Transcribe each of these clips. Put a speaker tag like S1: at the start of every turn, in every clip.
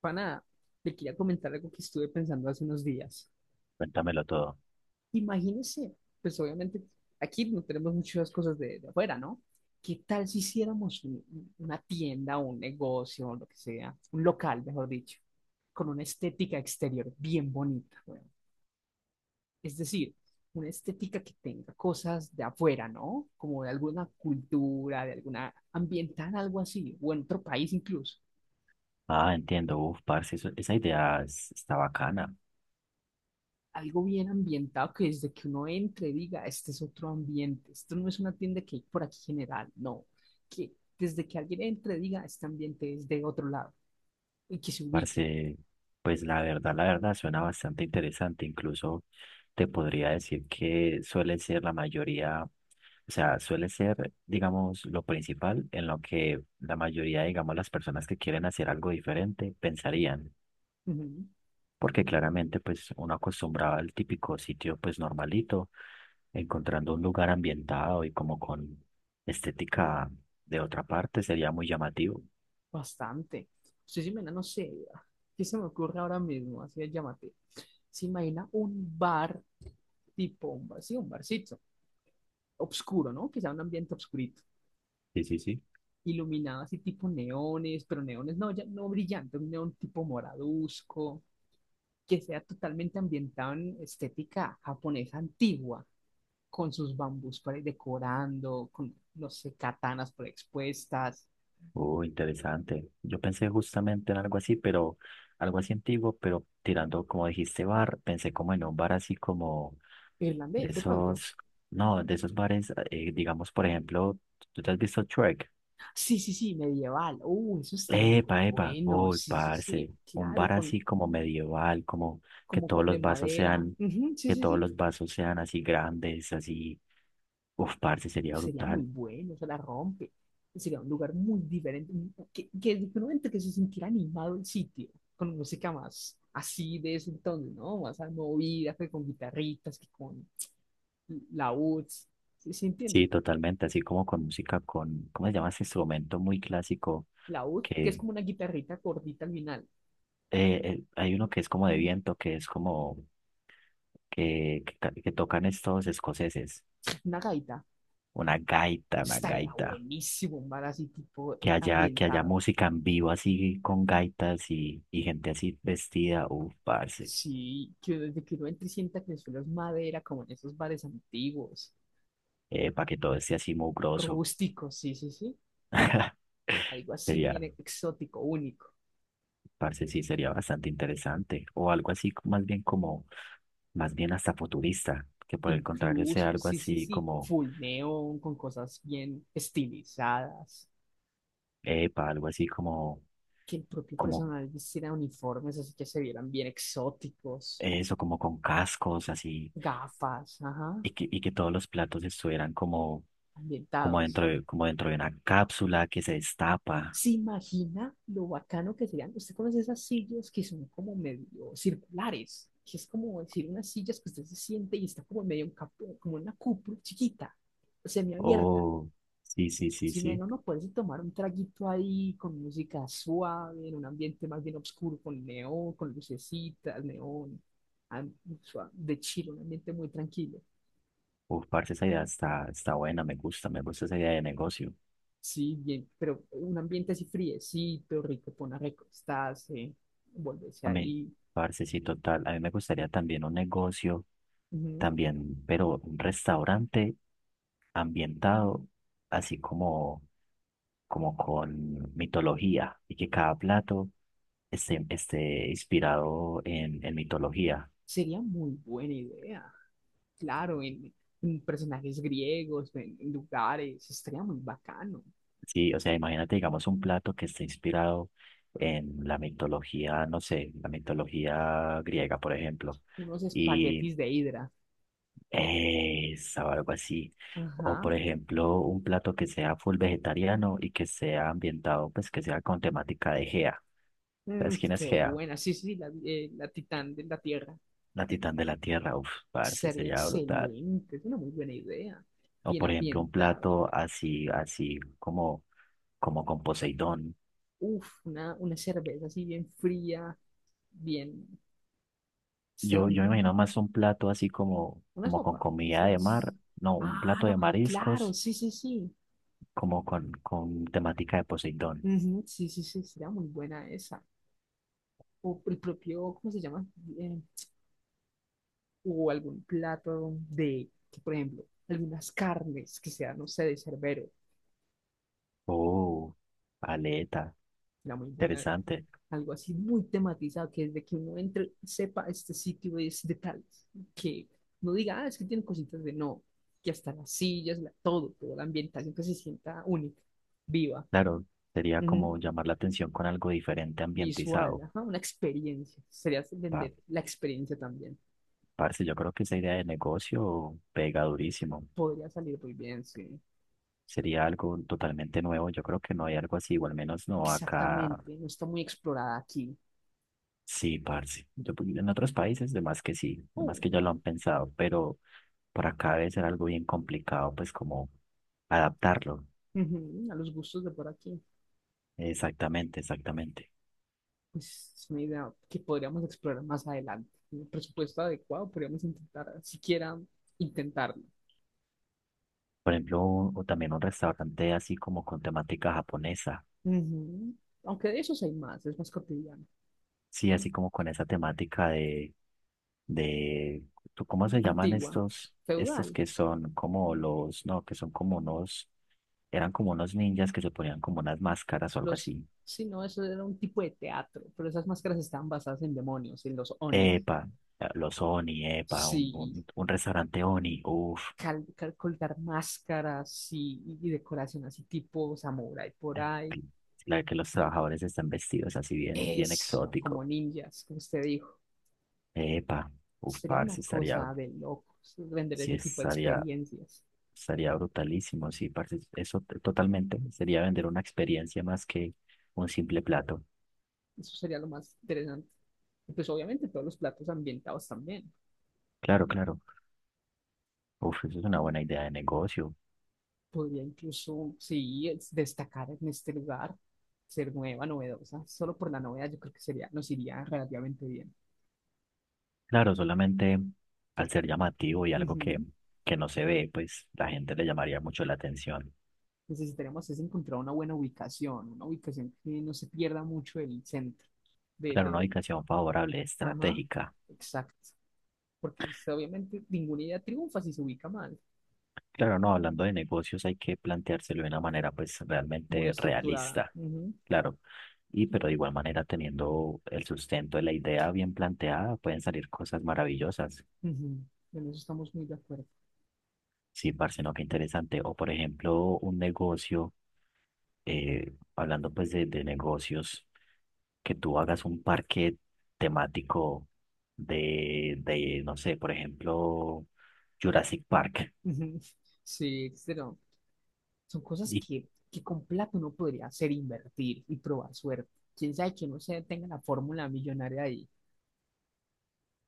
S1: Pana, le quería comentar algo que estuve pensando hace unos días.
S2: Cuéntamelo todo.
S1: Imagínese, pues obviamente aquí no tenemos muchas cosas de afuera, ¿no? ¿Qué tal si hiciéramos una tienda, un negocio, o lo que sea, un local, mejor dicho, con una estética exterior bien bonita, weón? Es decir, una estética que tenga cosas de afuera, ¿no? Como de alguna cultura, de alguna ambiental, algo así, o en otro país incluso.
S2: Ah, entiendo. Uf, parce, esa idea está bacana.
S1: Algo bien ambientado que desde que uno entre diga, este es otro ambiente, esto no es una tienda que hay por aquí general, no, que desde que alguien entre diga, este ambiente es de otro lado y que se
S2: Parce,
S1: ubiquen.
S2: pues la verdad, suena bastante interesante. Incluso te podría decir que suele ser la mayoría, o sea, suele ser, digamos, lo principal en lo que la mayoría, digamos, las personas que quieren hacer algo diferente pensarían,
S1: Ujú.
S2: porque claramente pues uno acostumbraba al típico sitio pues normalito, encontrando un lugar ambientado y como con estética de otra parte sería muy llamativo.
S1: Bastante. Usted se imagina, no sé, ¿qué se me ocurre ahora mismo? Así es, llámate. Se imagina un bar tipo, un bar, sí, un barcito, obscuro, ¿no? Que sea un ambiente obscurito.
S2: Sí, sí, sí.
S1: Iluminado así tipo neones, pero neones no, ya no brillante, un neón tipo moraduzco, que sea totalmente ambientado en estética japonesa antigua, con sus bambús por ahí decorando, con, no sé, katanas por ahí expuestas.
S2: Oh, interesante. Yo pensé justamente en algo así, pero algo así antiguo, pero tirando, como dijiste, bar, pensé como en un bar así como de
S1: Irlandés, de pronto.
S2: esos, no, de esos bares, digamos, por ejemplo, ¿tú te has visto Shrek?
S1: Sí, sí, sí, medieval. Eso estaría muy
S2: Epa, epa,
S1: bueno.
S2: uy,
S1: Sí, sí, sí,
S2: parce, un
S1: claro,
S2: bar
S1: con,
S2: así como medieval, como que
S1: como
S2: todos
S1: con de
S2: los vasos
S1: madera.
S2: sean,
S1: Ujú, sí,
S2: que
S1: sí,
S2: todos
S1: sí.
S2: los vasos sean así grandes, así, uf, parce, sería
S1: Sería muy
S2: brutal.
S1: bueno, se la rompe. Sería un lugar muy diferente, que diferente que se sintiera animado el sitio, con música más así de ese entonces, ¿no? Más movida, que con guitarritas, que con laúds, ¿sí, se
S2: Sí,
S1: entiende?
S2: totalmente, así como con música, con, ¿cómo se llama ese instrumento muy clásico?
S1: Laúd, que es
S2: Que
S1: como una guitarrita gordita al final,
S2: Hay uno que es como de viento, que es como, que tocan estos escoceses,
S1: una gaita.
S2: una gaita, una
S1: Estaría
S2: gaita.
S1: buenísimo un bar así tipo
S2: Que haya
S1: ambientado.
S2: música en vivo así con gaitas y gente así vestida, uf, parce,
S1: Sí, que desde que uno entre y sienta que el suelo es madera, como en esos bares antiguos,
S2: para que todo esté así mugroso.
S1: rústicos, sí, sí, sí. Algo así
S2: Sería,
S1: bien exótico, único.
S2: parce, sí, sería bastante interesante. O algo así, más bien como, más bien hasta futurista, que por el contrario
S1: Incluso,
S2: sea algo
S1: sí, sí,
S2: así
S1: sí,
S2: como,
S1: full neón, con cosas bien estilizadas,
S2: epa, algo así como,
S1: que el propio
S2: como
S1: personal vistiera uniformes así que se vieran bien exóticos,
S2: eso, como con cascos, así,
S1: gafas, ajá,
S2: y que todos los platos estuvieran como,
S1: ambientados.
S2: como dentro de una cápsula que se destapa.
S1: ¿Se imagina lo bacano que serían? ¿Usted conoce esas sillas que son como medio circulares? Que es como decir unas sillas que usted se siente y está como en medio un como una cúpula chiquita, semiabierta.
S2: Oh, sí, sí, sí,
S1: Si
S2: sí.
S1: menos no puedes tomar un traguito ahí con música suave, en un ambiente más bien oscuro, con neón, con lucecitas, neón, am- de chill, un ambiente muy tranquilo.
S2: Uf, parce, está buena, me gusta esa idea de negocio.
S1: Sí, bien, pero un ambiente así friecito, rico, pon a recostarse, volverse
S2: A mí,
S1: ahí.
S2: parce, sí, total. A mí me gustaría también un negocio,
S1: Ujú.
S2: también, pero un restaurante ambientado, así como, como con mitología, y que cada plato esté inspirado en mitología.
S1: Sería muy buena idea, claro, en personajes griegos, en lugares, estaría muy bacano.
S2: Sí, o sea, imagínate, digamos, un plato que esté inspirado en la mitología, no sé, la mitología griega, por ejemplo,
S1: Unos
S2: y,
S1: espaguetis de hidra.
S2: esa o algo así. O
S1: Ajá.
S2: por ejemplo, un plato que sea full vegetariano y que sea ambientado, pues que sea con temática de Gea.
S1: Mm,
S2: ¿Sabes quién es
S1: qué
S2: Gea?
S1: buena, sí, sí, la Titán de la Tierra.
S2: La titán de la tierra. Uf, parce,
S1: Sería
S2: sería brutal.
S1: excelente, es una muy buena idea.
S2: O
S1: Bien
S2: por ejemplo, un
S1: ambientado.
S2: plato así, así como, como con Poseidón.
S1: Uf, una cerveza así bien fría, bien, sería muy
S2: Yo me
S1: buena.
S2: imagino más un plato así como,
S1: Una
S2: como con
S1: sopa,
S2: comida de
S1: quizás.
S2: mar. No, un
S1: Ah,
S2: plato
S1: no,
S2: de
S1: claro,
S2: mariscos
S1: sí, sí, sí.
S2: como con temática de Poseidón.
S1: Ujú, sí, sí, sí, sería muy buena esa. O el propio, ¿cómo se llama? Eh, o algún plato de, que, por ejemplo, algunas carnes que sean, no sé, de cerbero.
S2: Oh, aleta.
S1: Era muy buena.
S2: Interesante.
S1: Algo así muy tematizado, que desde que uno entre, sepa este sitio es de tal, que no diga, ah, es que tiene cositas de no, que hasta las sillas, todo, toda la ambientación que se sienta única, viva,
S2: Claro, sería
S1: ujú,
S2: como llamar la atención con algo diferente
S1: visual,
S2: ambientizado.
S1: ajá, una experiencia. Sería
S2: Pa-
S1: vender la experiencia también.
S2: Parce, yo creo que esa idea de negocio pega durísimo.
S1: Podría salir muy bien, sí.
S2: Sería algo totalmente nuevo. Yo creo que no hay algo así, o al menos no acá.
S1: Exactamente, no está muy explorada aquí.
S2: Sí, parce. En otros países, de más que sí, de más
S1: Oh,
S2: que ya lo
S1: claro.
S2: han pensado, pero para acá debe ser algo bien complicado, pues como adaptarlo.
S1: Ujú, a los gustos de por aquí.
S2: Exactamente, exactamente.
S1: Pues es una idea que podríamos explorar más adelante. Un presupuesto adecuado, podríamos intentar, siquiera intentarlo.
S2: Por ejemplo, o también un restaurante así como con temática japonesa.
S1: Ujú. Aunque de esos hay más, es más cotidiano.
S2: Sí, así como con esa temática de, ¿cómo se llaman
S1: Antigua,
S2: estos? Estos
S1: feudal,
S2: que son como los, no, que son como unos, eran como unos ninjas que se ponían como unas máscaras o algo
S1: los...
S2: así.
S1: Sí, no, eso era un tipo de teatro, pero esas máscaras estaban basadas en demonios, en los oni.
S2: Epa, los Oni, epa,
S1: Sí,
S2: un restaurante Oni, uff,
S1: colgar máscaras, sí, y decoración así tipo samurai por ahí.
S2: la que los trabajadores están vestidos así bien, bien
S1: Eso,
S2: exótico.
S1: como ninjas, como usted dijo.
S2: Epa, uff,
S1: Sería una
S2: parce, estaría,
S1: cosa de locos vender
S2: sí
S1: ese tipo de
S2: estaría,
S1: experiencias.
S2: estaría brutalísimo, sí, parce, totalmente. Sería vender una experiencia más que un simple plato.
S1: Eso sería lo más interesante. Y pues obviamente todos los platos ambientados también.
S2: Claro, claro. Uf, eso es una buena idea de negocio.
S1: Podría incluso, sí, destacar en este lugar, ser nueva, novedosa. Solo por la novedad yo creo que sería, nos iría relativamente bien.
S2: Claro, solamente al
S1: Tú-
S2: ser llamativo y algo
S1: ujú.
S2: que no se ve, pues la gente le llamaría mucho la atención.
S1: Necesitaríamos es encontrar una buena ubicación, una ubicación que no se pierda mucho el centro. De,
S2: Claro, una
S1: de,
S2: ubicación favorable,
S1: ajá,
S2: estratégica.
S1: exacto. Porque pues, obviamente ninguna idea triunfa si se ubica mal.
S2: Claro, no, hablando de negocios hay que planteárselo de una manera pues
S1: Muy
S2: realmente
S1: estructurada.
S2: realista.
S1: Ujú,
S2: Claro. Y pero de igual manera, teniendo el sustento de la idea bien planteada, pueden salir cosas maravillosas.
S1: ujú. En eso estamos muy de acuerdo.
S2: Sí, parce, no, qué interesante. O por ejemplo, un negocio, hablando pues de negocios, que tú hagas un parque temático de, no sé, por ejemplo, Jurassic Park.
S1: Ujú. Sí, pero son cosas
S2: Y
S1: que con plata uno podría hacer, invertir y probar suerte. Quién sabe que no se tenga la fórmula millonaria ahí.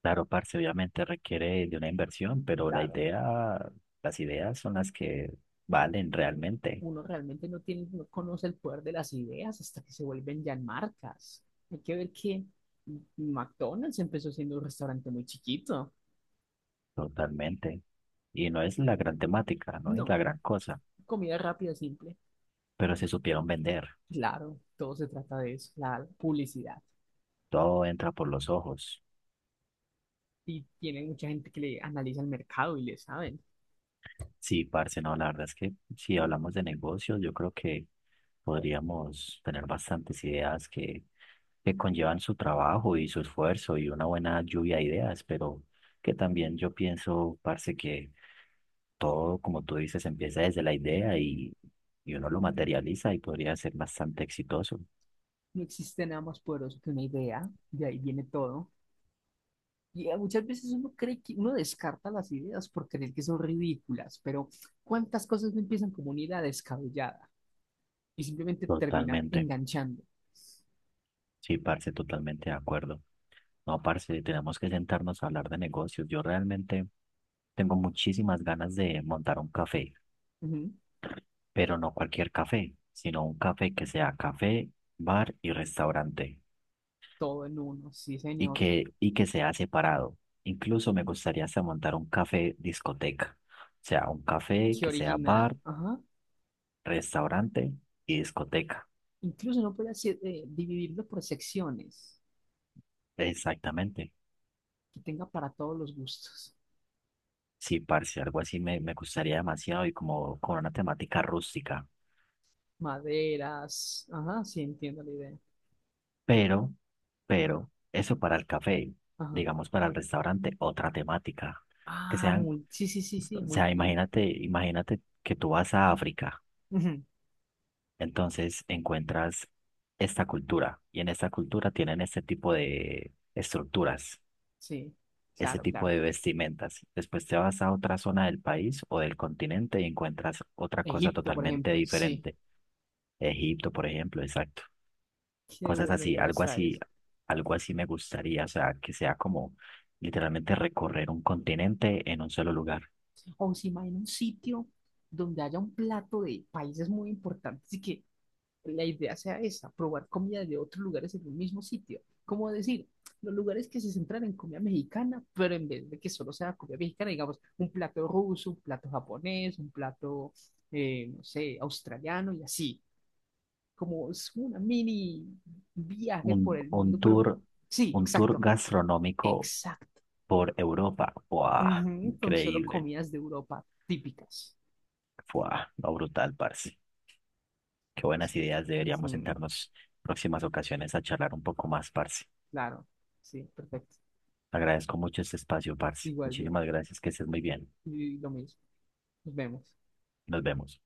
S2: claro, parce, obviamente requiere de una inversión, pero la
S1: Claro,
S2: idea, las ideas son las que valen realmente,
S1: uno realmente no tiene, no conoce el poder de las ideas hasta que se vuelven ya marcas. Hay que ver que McDonald's empezó siendo un restaurante muy chiquito.
S2: totalmente. Y no es la gran temática, no
S1: No,
S2: es la gran cosa,
S1: comida rápida, simple.
S2: pero se supieron vender.
S1: Claro, todo se trata de eso, la publicidad.
S2: Todo entra por los ojos.
S1: Y tiene mucha gente que le analiza el mercado y le saben.
S2: Sí, parce, no, la verdad es que si hablamos de negocios, yo creo que podríamos tener bastantes ideas que conllevan su trabajo y su esfuerzo y una buena lluvia de ideas, pero que también yo pienso, parce, que todo, como tú dices, empieza desde la idea y uno lo materializa y podría ser bastante exitoso.
S1: No existe nada más poderoso que una idea, de ahí viene todo. Y muchas veces uno cree que uno descarta las ideas por creer que son ridículas, pero ¿cuántas cosas no empiezan como una idea descabellada y simplemente termina
S2: Totalmente,
S1: enganchando?
S2: sí, parce, totalmente de acuerdo. No, parce, tenemos que sentarnos a hablar de negocios. Yo realmente tengo muchísimas ganas de montar un café,
S1: Ujú.
S2: pero no cualquier café, sino un café que sea café, bar y restaurante,
S1: Todo en uno, sí, señor.
S2: y que sea separado. Incluso me gustaría hasta montar un café discoteca, o sea, un café
S1: Qué
S2: que sea
S1: original.
S2: bar,
S1: Ajá.
S2: restaurante y discoteca.
S1: Incluso no puede hacer, dividirlo por secciones,
S2: Exactamente.
S1: que tenga para todos los gustos.
S2: Sí, parce, algo así me gustaría demasiado y como con una temática rústica.
S1: Maderas. Ajá, sí, entiendo la idea.
S2: Pero, pero, eso para el café,
S1: Ajá.
S2: digamos para el restaurante, otra temática, que
S1: Ah,
S2: sean.
S1: mul- sí, sí, sí, sí,
S2: O sea,
S1: multi.
S2: imagínate, imagínate que tú vas a África,
S1: Ujú,
S2: entonces encuentras esta cultura y en esta cultura tienen este tipo de estructuras,
S1: sí,
S2: ese
S1: claro,
S2: tipo
S1: claro.
S2: de vestimentas. Después te vas a otra zona del país o del continente y encuentras otra cosa
S1: Egipto, por
S2: totalmente
S1: ejemplo, sí.
S2: diferente. Egipto, por ejemplo, exacto.
S1: Qué
S2: Cosas
S1: buena
S2: así,
S1: idea
S2: algo
S1: está
S2: así,
S1: esa.
S2: algo así me gustaría, o sea, que sea como literalmente recorrer un continente en un solo lugar.
S1: O se imagina un sitio donde haya un plato de países muy importantes y que la idea sea esa, probar comida de otros lugares en un mismo sitio. Como decir, los lugares que se centran en comida mexicana, pero en vez de que solo sea comida mexicana, digamos, un plato ruso, un plato japonés, un plato, no sé, australiano y así. Como es una mini viaje por el
S2: Un
S1: mundo, pero
S2: tour,
S1: sí,
S2: un tour
S1: exacto,
S2: gastronómico
S1: exacto.
S2: por Europa. ¡Wow!
S1: Ujú, con solo
S2: Increíble.
S1: comidas de Europa típicas.
S2: ¡Wow! No, brutal, parce. Qué buenas ideas. Deberíamos
S1: Ujú,
S2: sentarnos próximas ocasiones a charlar un poco más, parce.
S1: claro, sí, perfecto.
S2: Agradezco mucho este espacio, parce.
S1: Igual yo,
S2: Muchísimas gracias. Que estés muy bien.
S1: y lo mismo. Nos vemos.
S2: Nos vemos.